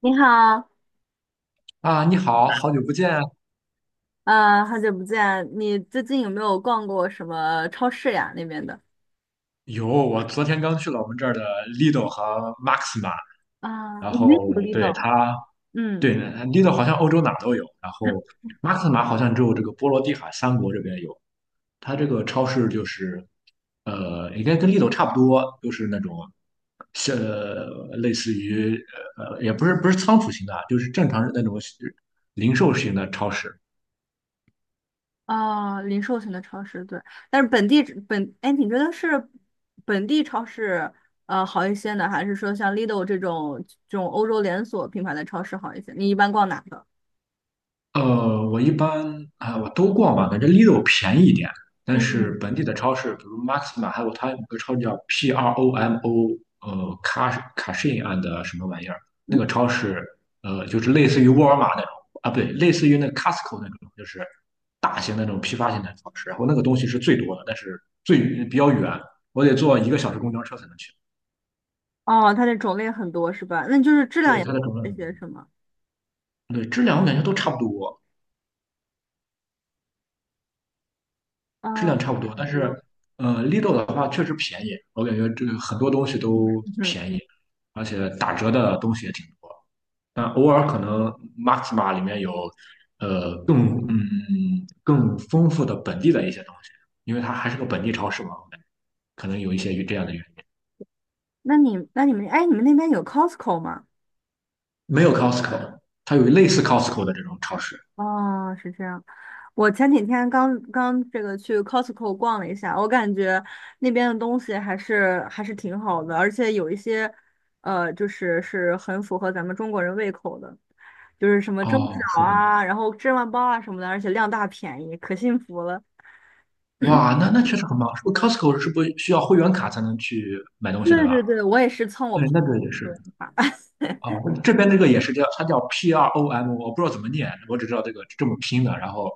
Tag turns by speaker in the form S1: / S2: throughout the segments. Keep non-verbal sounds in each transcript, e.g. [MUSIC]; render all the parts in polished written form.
S1: 你好，
S2: 啊，你好，好久不见啊。
S1: 好久不见，你最近有没有逛过什么超市呀？那边的。
S2: 有，我昨天刚去了我们这儿的 l i d o 和 Maxima，
S1: 啊，
S2: 然
S1: 你没
S2: 后
S1: 有
S2: 对
S1: Lidl。
S2: 它，
S1: 嗯。
S2: 对 l i d o 好像欧洲哪儿都有，然后 Maxima 好像只有这个波罗的海三国这边有。它这个超市就是，应该跟 l i d o 差不多，都是那种，像类似于也不是仓储型的啊，就是正常那种零售型的超市。
S1: 啊，零售型的超市，对。但是本地本，哎，你觉得是本地超市好一些呢，还是说像 Lidl 这种欧洲连锁品牌的超市好一些？你一般逛哪个？
S2: 我一般啊、我都逛吧，感觉 Lidl 便宜一点，但是
S1: 嗯。
S2: 本地的超市，比如 Maxima，还有它有个超市叫 PROMO，卡卡什 i and 什么玩意儿，那个超市，就是类似于沃尔玛那种啊，不对，类似于那 Costco 那种，就是大型那种批发型的超市，然后那个东西是最多的，但是最比较远，我得坐1个小时公交车才能去，
S1: 哦，它的种类很多是吧？那就是质量
S2: 对
S1: 也会
S2: 它的
S1: 好
S2: 整
S1: 一
S2: 个
S1: 些是吗？
S2: 对质量我感觉都差不多，质
S1: 啊，
S2: 量差不
S1: 很
S2: 多，但
S1: 多。
S2: 是Lidl 的话确实便宜，我感觉这个很多东西都
S1: 嗯，
S2: 便宜，而且打折的东西也挺多。但偶尔可能 Maxima 里面有更丰富的本地的一些东西，因为它还是个本地超市嘛，我感觉可能有一些与这样的原因。
S1: 那你们，哎，你们那边有 Costco 吗？
S2: 没有 Costco，它有类似 Costco 的这种超市。
S1: 哦，是这样。我前几天刚刚这个去 Costco 逛了一下，我感觉那边的东西还是挺好的，而且有一些，就是是很符合咱们中国人胃口的，就是什么蒸
S2: 哦，
S1: 饺
S2: 是的。
S1: 啊，然后芝麻包啊什么的，而且量大便宜，可幸福了。
S2: 哇，那确实很棒。是不是 Costco 是不是需要会员卡才能去买东西的
S1: 对
S2: 吧？
S1: 对对，我也是蹭我
S2: 对，
S1: 朋
S2: 那个也是。
S1: 友的做法。
S2: 哦，
S1: [LAUGHS]
S2: 这边那个也是叫，它叫 PROM，我不知道怎么念，我只知道这个这么拼的。然后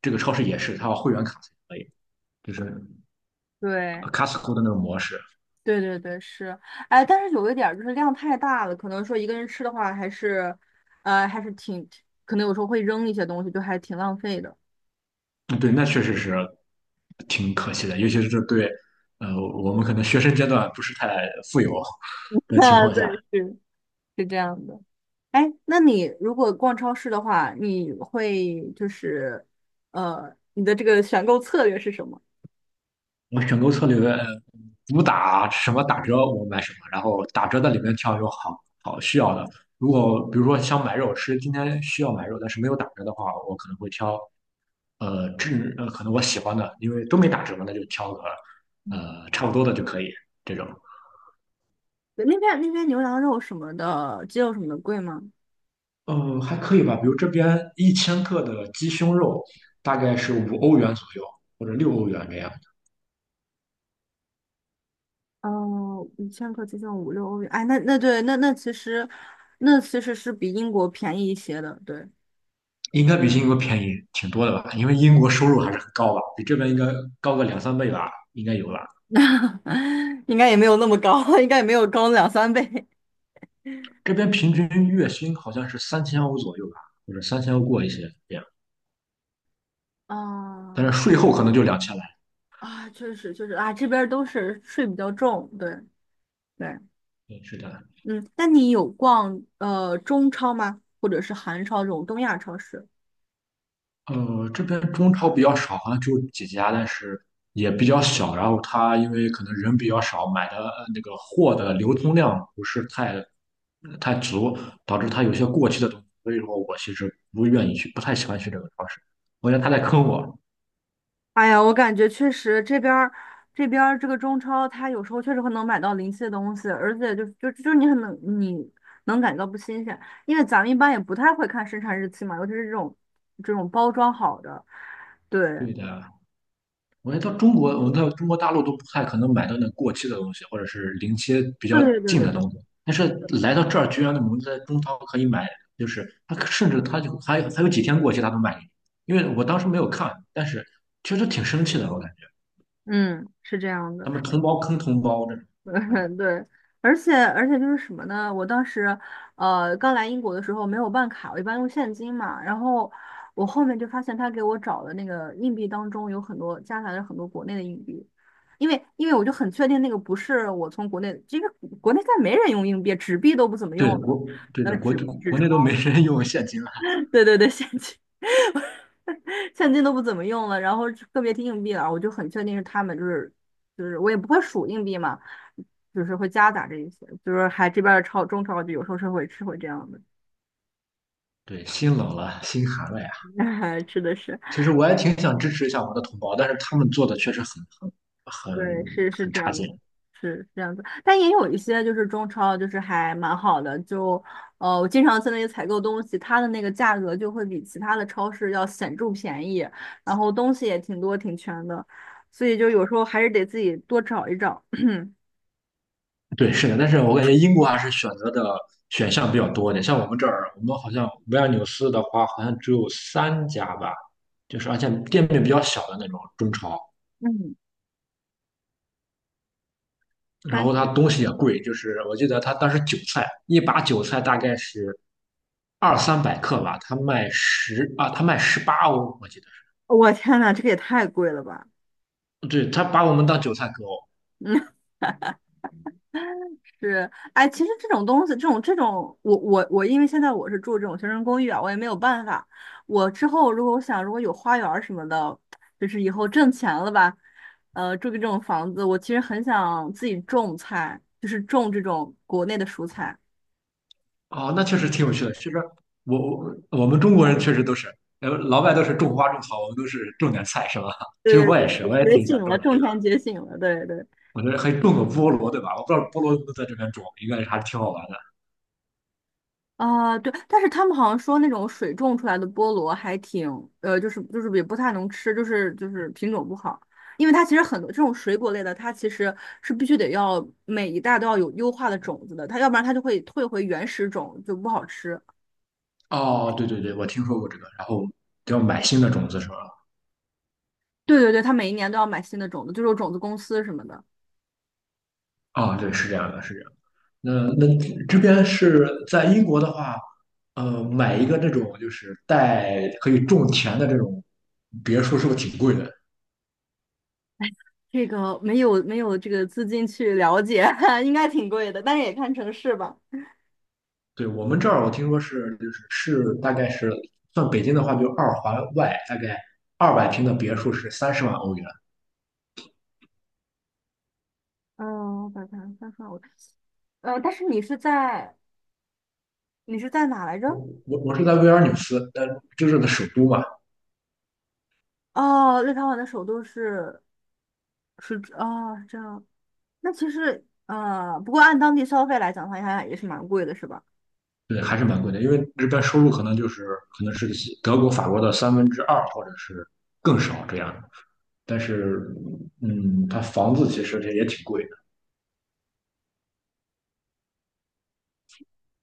S2: 这个超市也是，它要会员卡才可以，就是
S1: 对，
S2: Costco 的那种模式。
S1: 对对对，是。哎，但是有一点儿就是量太大了，可能说一个人吃的话，还是，呃，还是挺，可能有时候会扔一些东西，就还挺浪费的。
S2: 嗯对，那确实是挺可惜的，尤其是对我们可能学生阶段不是太富有
S1: [LAUGHS]
S2: 的情
S1: 啊，
S2: 况
S1: 对，
S2: 下。
S1: 是是这样的。哎，那你如果逛超市的话，你会就是，你的这个选购策略是什么？
S2: 我选购策略主打什么打折我买什么，然后打折的里面挑有好好需要的。如果比如说想买肉吃，今天需要买肉，但是没有打折的话，我可能会挑呃质呃可能我喜欢的，因为都没打折嘛，那就挑个
S1: 嗯。
S2: 差不多的就可以这种。
S1: 对，那边那边牛羊肉什么的，鸡肉什么的贵吗？
S2: 嗯，还可以吧，比如这边1千克的鸡胸肉大概是5欧元左右或者6欧元这样。
S1: 哦，1千克接近五六欧元。哎，那对，那其实，那其实是比英国便宜一些的，对。
S2: 应该比英国便宜挺多的吧？因为英国收入还是很高吧，比这边应该高个两三倍吧，应该有吧。
S1: [LAUGHS] 应该也没有那么高，应该也没有高两三倍。
S2: 这边平均月薪好像是三千欧左右吧，或者三千欧过一些这样，
S1: [LAUGHS]
S2: 但是
S1: 啊
S2: 税后可能就2000来。
S1: 啊，确实确实啊，这边儿都是税比较重，对对。
S2: 对，是的。
S1: 嗯，那你有逛中超吗？或者是韩超这种东亚超市？
S2: 这边中超比较少，好像只有几家，但是也比较小。然后他因为可能人比较少，买的那个货的流通量不是太足，导致他有些过期的东西。所以说我其实不愿意去，不太喜欢去这个超市，我觉得他在坑我。
S1: 哎呀，我感觉确实这边儿这个中超，它有时候确实会能买到临期的东西，而且就你很能你能感觉到不新鲜，因为咱们一般也不太会看生产日期嘛，尤其是这种包装好的，对
S2: 对的，我觉得到中国，我到中国大陆都不太可能买到那过期的东西，或者是临期比较
S1: 对对对
S2: 近的
S1: 对。
S2: 东西。但是来到这儿，居然我们在中超可以买，就是他甚至他就还有几天过期，他都卖给你。因为我当时没有看，但是确实挺生气的，我感觉
S1: 嗯，是这样的。
S2: 他们同胞坑同胞这种。
S1: [LAUGHS]
S2: 哎，
S1: 嗯对。而且就是什么呢？我当时，刚来英国的时候没有办卡，我一般用现金嘛。然后我后面就发现他给我找的那个硬币当中有很多夹杂着很多国内的硬币，因为我就很确定那个不是我从国内，这个国内再没人用硬币，纸币都不怎么用
S2: 对
S1: 了，
S2: 国对
S1: 呃，
S2: 的国
S1: 纸纸
S2: 国
S1: 钞。
S2: 内都没人用现金了，
S1: [LAUGHS] 对对对，现金。[LAUGHS] 现金都不怎么用了，然后特别提硬币了，我就很确定是他们，就是我也不会数硬币嘛，就是会夹杂着一些，就是还这边儿超中超就有时候是会吃会这样
S2: 对，心冷了，心寒了呀。
S1: 的，[LAUGHS] 吃的是。
S2: 其实我也挺想支持一下我的同胞，但是他们做的确实很很
S1: 对，是是
S2: 很
S1: 这
S2: 差
S1: 样子，
S2: 劲。
S1: 是是这样子。但也有一些就是中超，就是还蛮好的，就我经常在那里采购东西，它的那个价格就会比其他的超市要显著便宜，然后东西也挺多挺全的，所以就有时候还是得自己多找一找。[LAUGHS]
S2: 对，是的，但是我感觉英国还是选择的选项比较多一点。像我们这儿，我们好像维尔纽斯的话，好像只有三家吧，就是而且店面比较小的那种中超，
S1: [CLEARS THROAT] 嗯，
S2: 然
S1: 但
S2: 后它
S1: 是
S2: 东西也贵，就是我记得他当时韭菜一把韭菜大概是二三百克吧，他卖18欧，我记得
S1: 我天呐，这个也太贵了吧！
S2: 是，对，他把我们当韭菜割哦。
S1: [LAUGHS] 嗯。是，哎，其实这种东西，这种这种，我，因为现在我是住这种学生公寓啊，我也没有办法。我之后如果我想，如果有花园儿什么的，就是以后挣钱了吧，住个这种房子，我其实很想自己种菜，就是种这种国内的蔬菜。
S2: 哦，那确实挺有趣的。其实我们中国人确实都是，老外都是种花种草，我们都是种点菜，是吧？[LAUGHS] 其实
S1: 对
S2: 我也
S1: 对
S2: 是，
S1: 对，
S2: 我也
S1: 觉
S2: 挺
S1: 醒
S2: 想种
S1: 了，
S2: 点这
S1: 种
S2: 个。
S1: 田觉醒了，对对。
S2: 我觉得可以种个菠萝，对吧？我不知道菠萝能不能在这边种，应该还是挺好玩的。
S1: 啊，对，但是他们好像说那种水种出来的菠萝还挺，就是也不太能吃，就是品种不好，因为它其实很多这种水果类的，它其实是必须得要每一代都要有优化的种子的，它要不然它就会退回原始种，就不好吃。
S2: 哦，对对对，我听说过这个。然后要买新的种子是吧？
S1: 对对对，它每一年都要买新的种子，就是有种子公司什么的。
S2: 哦，对，是这样的，是这样的那这边是在英国的话，买一个那种就是带可以种田的这种别墅，是不是挺贵的？
S1: 这个没有这个资金去了解，[LAUGHS] 应该挺贵的，但是也看城市吧。
S2: 对，我们这儿我听说大概是算北京的话，就二环外大概200平的别墅是30万欧元。
S1: 嗯，我把它翻出来，我，但是你是在哪来着？
S2: 我是在维尔纽斯，但就是的首都嘛，
S1: 哦，立陶宛的首都是，是哦，是这样。那其实不过按当地消费来讲的话，应该也是蛮贵的，是吧？
S2: 对，还是蛮贵的，因为这边收入可能是德国、法国的2/3或者是更少这样的。但是，它房子其实也挺贵。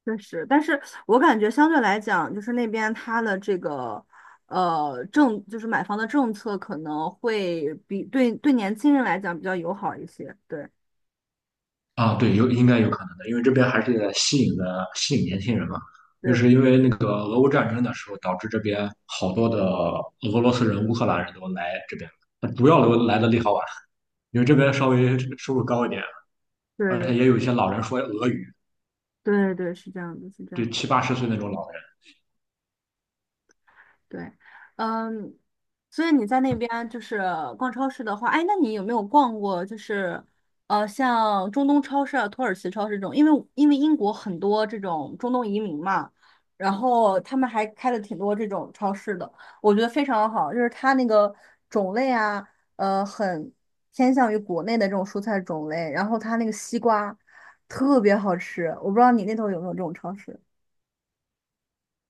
S1: 确实，但是我感觉相对来讲，就是那边它的这个就是买房的政策可能会比对年轻人来讲比较友好一些。对
S2: 啊，对，应该有可能的，因为这边还是在吸引年轻人嘛，就是
S1: 对
S2: 因为那个俄乌战争的时候，导致这边好多的俄罗斯人、乌克兰人都来这边，主要都来的利陶宛，因为这边稍微收入高一点，而且也
S1: 对
S2: 有一些老人说俄语，
S1: 对对对，是这样的，是这样
S2: 就
S1: 的，
S2: 七八十岁那种老人。
S1: 对。嗯，所以你在那边就是逛超市的话，哎，那你有没有逛过就是像中东超市啊、土耳其超市这种？因为英国很多这种中东移民嘛，然后他们还开了挺多这种超市的，我觉得非常好，就是它那个种类啊，很偏向于国内的这种蔬菜种类，然后它那个西瓜特别好吃，我不知道你那头有没有这种超市。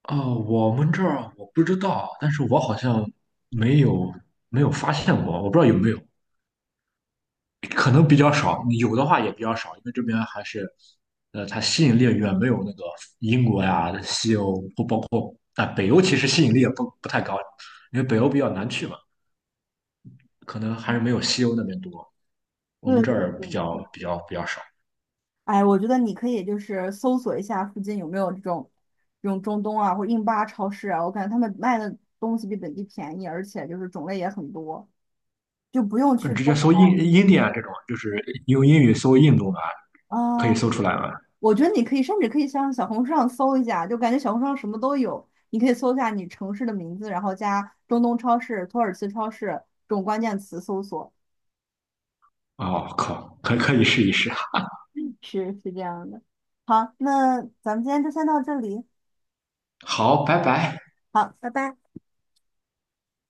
S2: 啊，我们这儿我不知道，但是我好像没有没有发现过，我不知道有没有。可能比较少，有的话也比较少，因为这边还是，它吸引力远没有那个英国呀、西欧不包括啊、北欧，其实吸引力也不太高，因为北欧比较难去嘛，可能还是没有西欧那边多。我们
S1: 对
S2: 这儿
S1: 对
S2: 比较
S1: 对，
S2: 比较比较少，
S1: 哎，我觉得你可以就是搜索一下附近有没有这种中东啊或者印巴超市啊，我感觉他们卖的东西比本地便宜，而且就是种类也很多，就不用
S2: 嗯，
S1: 去
S2: 直接
S1: 中
S2: 搜印
S1: 超
S2: 印第安这种，就是用英语搜印度啊，
S1: 啊。
S2: 可以搜出来吗？
S1: 我觉得你可以甚至可以上小红书上搜一下，就感觉小红书上什么都有。你可以搜一下你城市的名字，然后加中东超市、土耳其超市这种关键词搜索，
S2: 哦，靠，可以试一试。
S1: 是是这样的。好，那咱们今天就先到这里。
S2: 好，拜拜。
S1: 好，拜拜。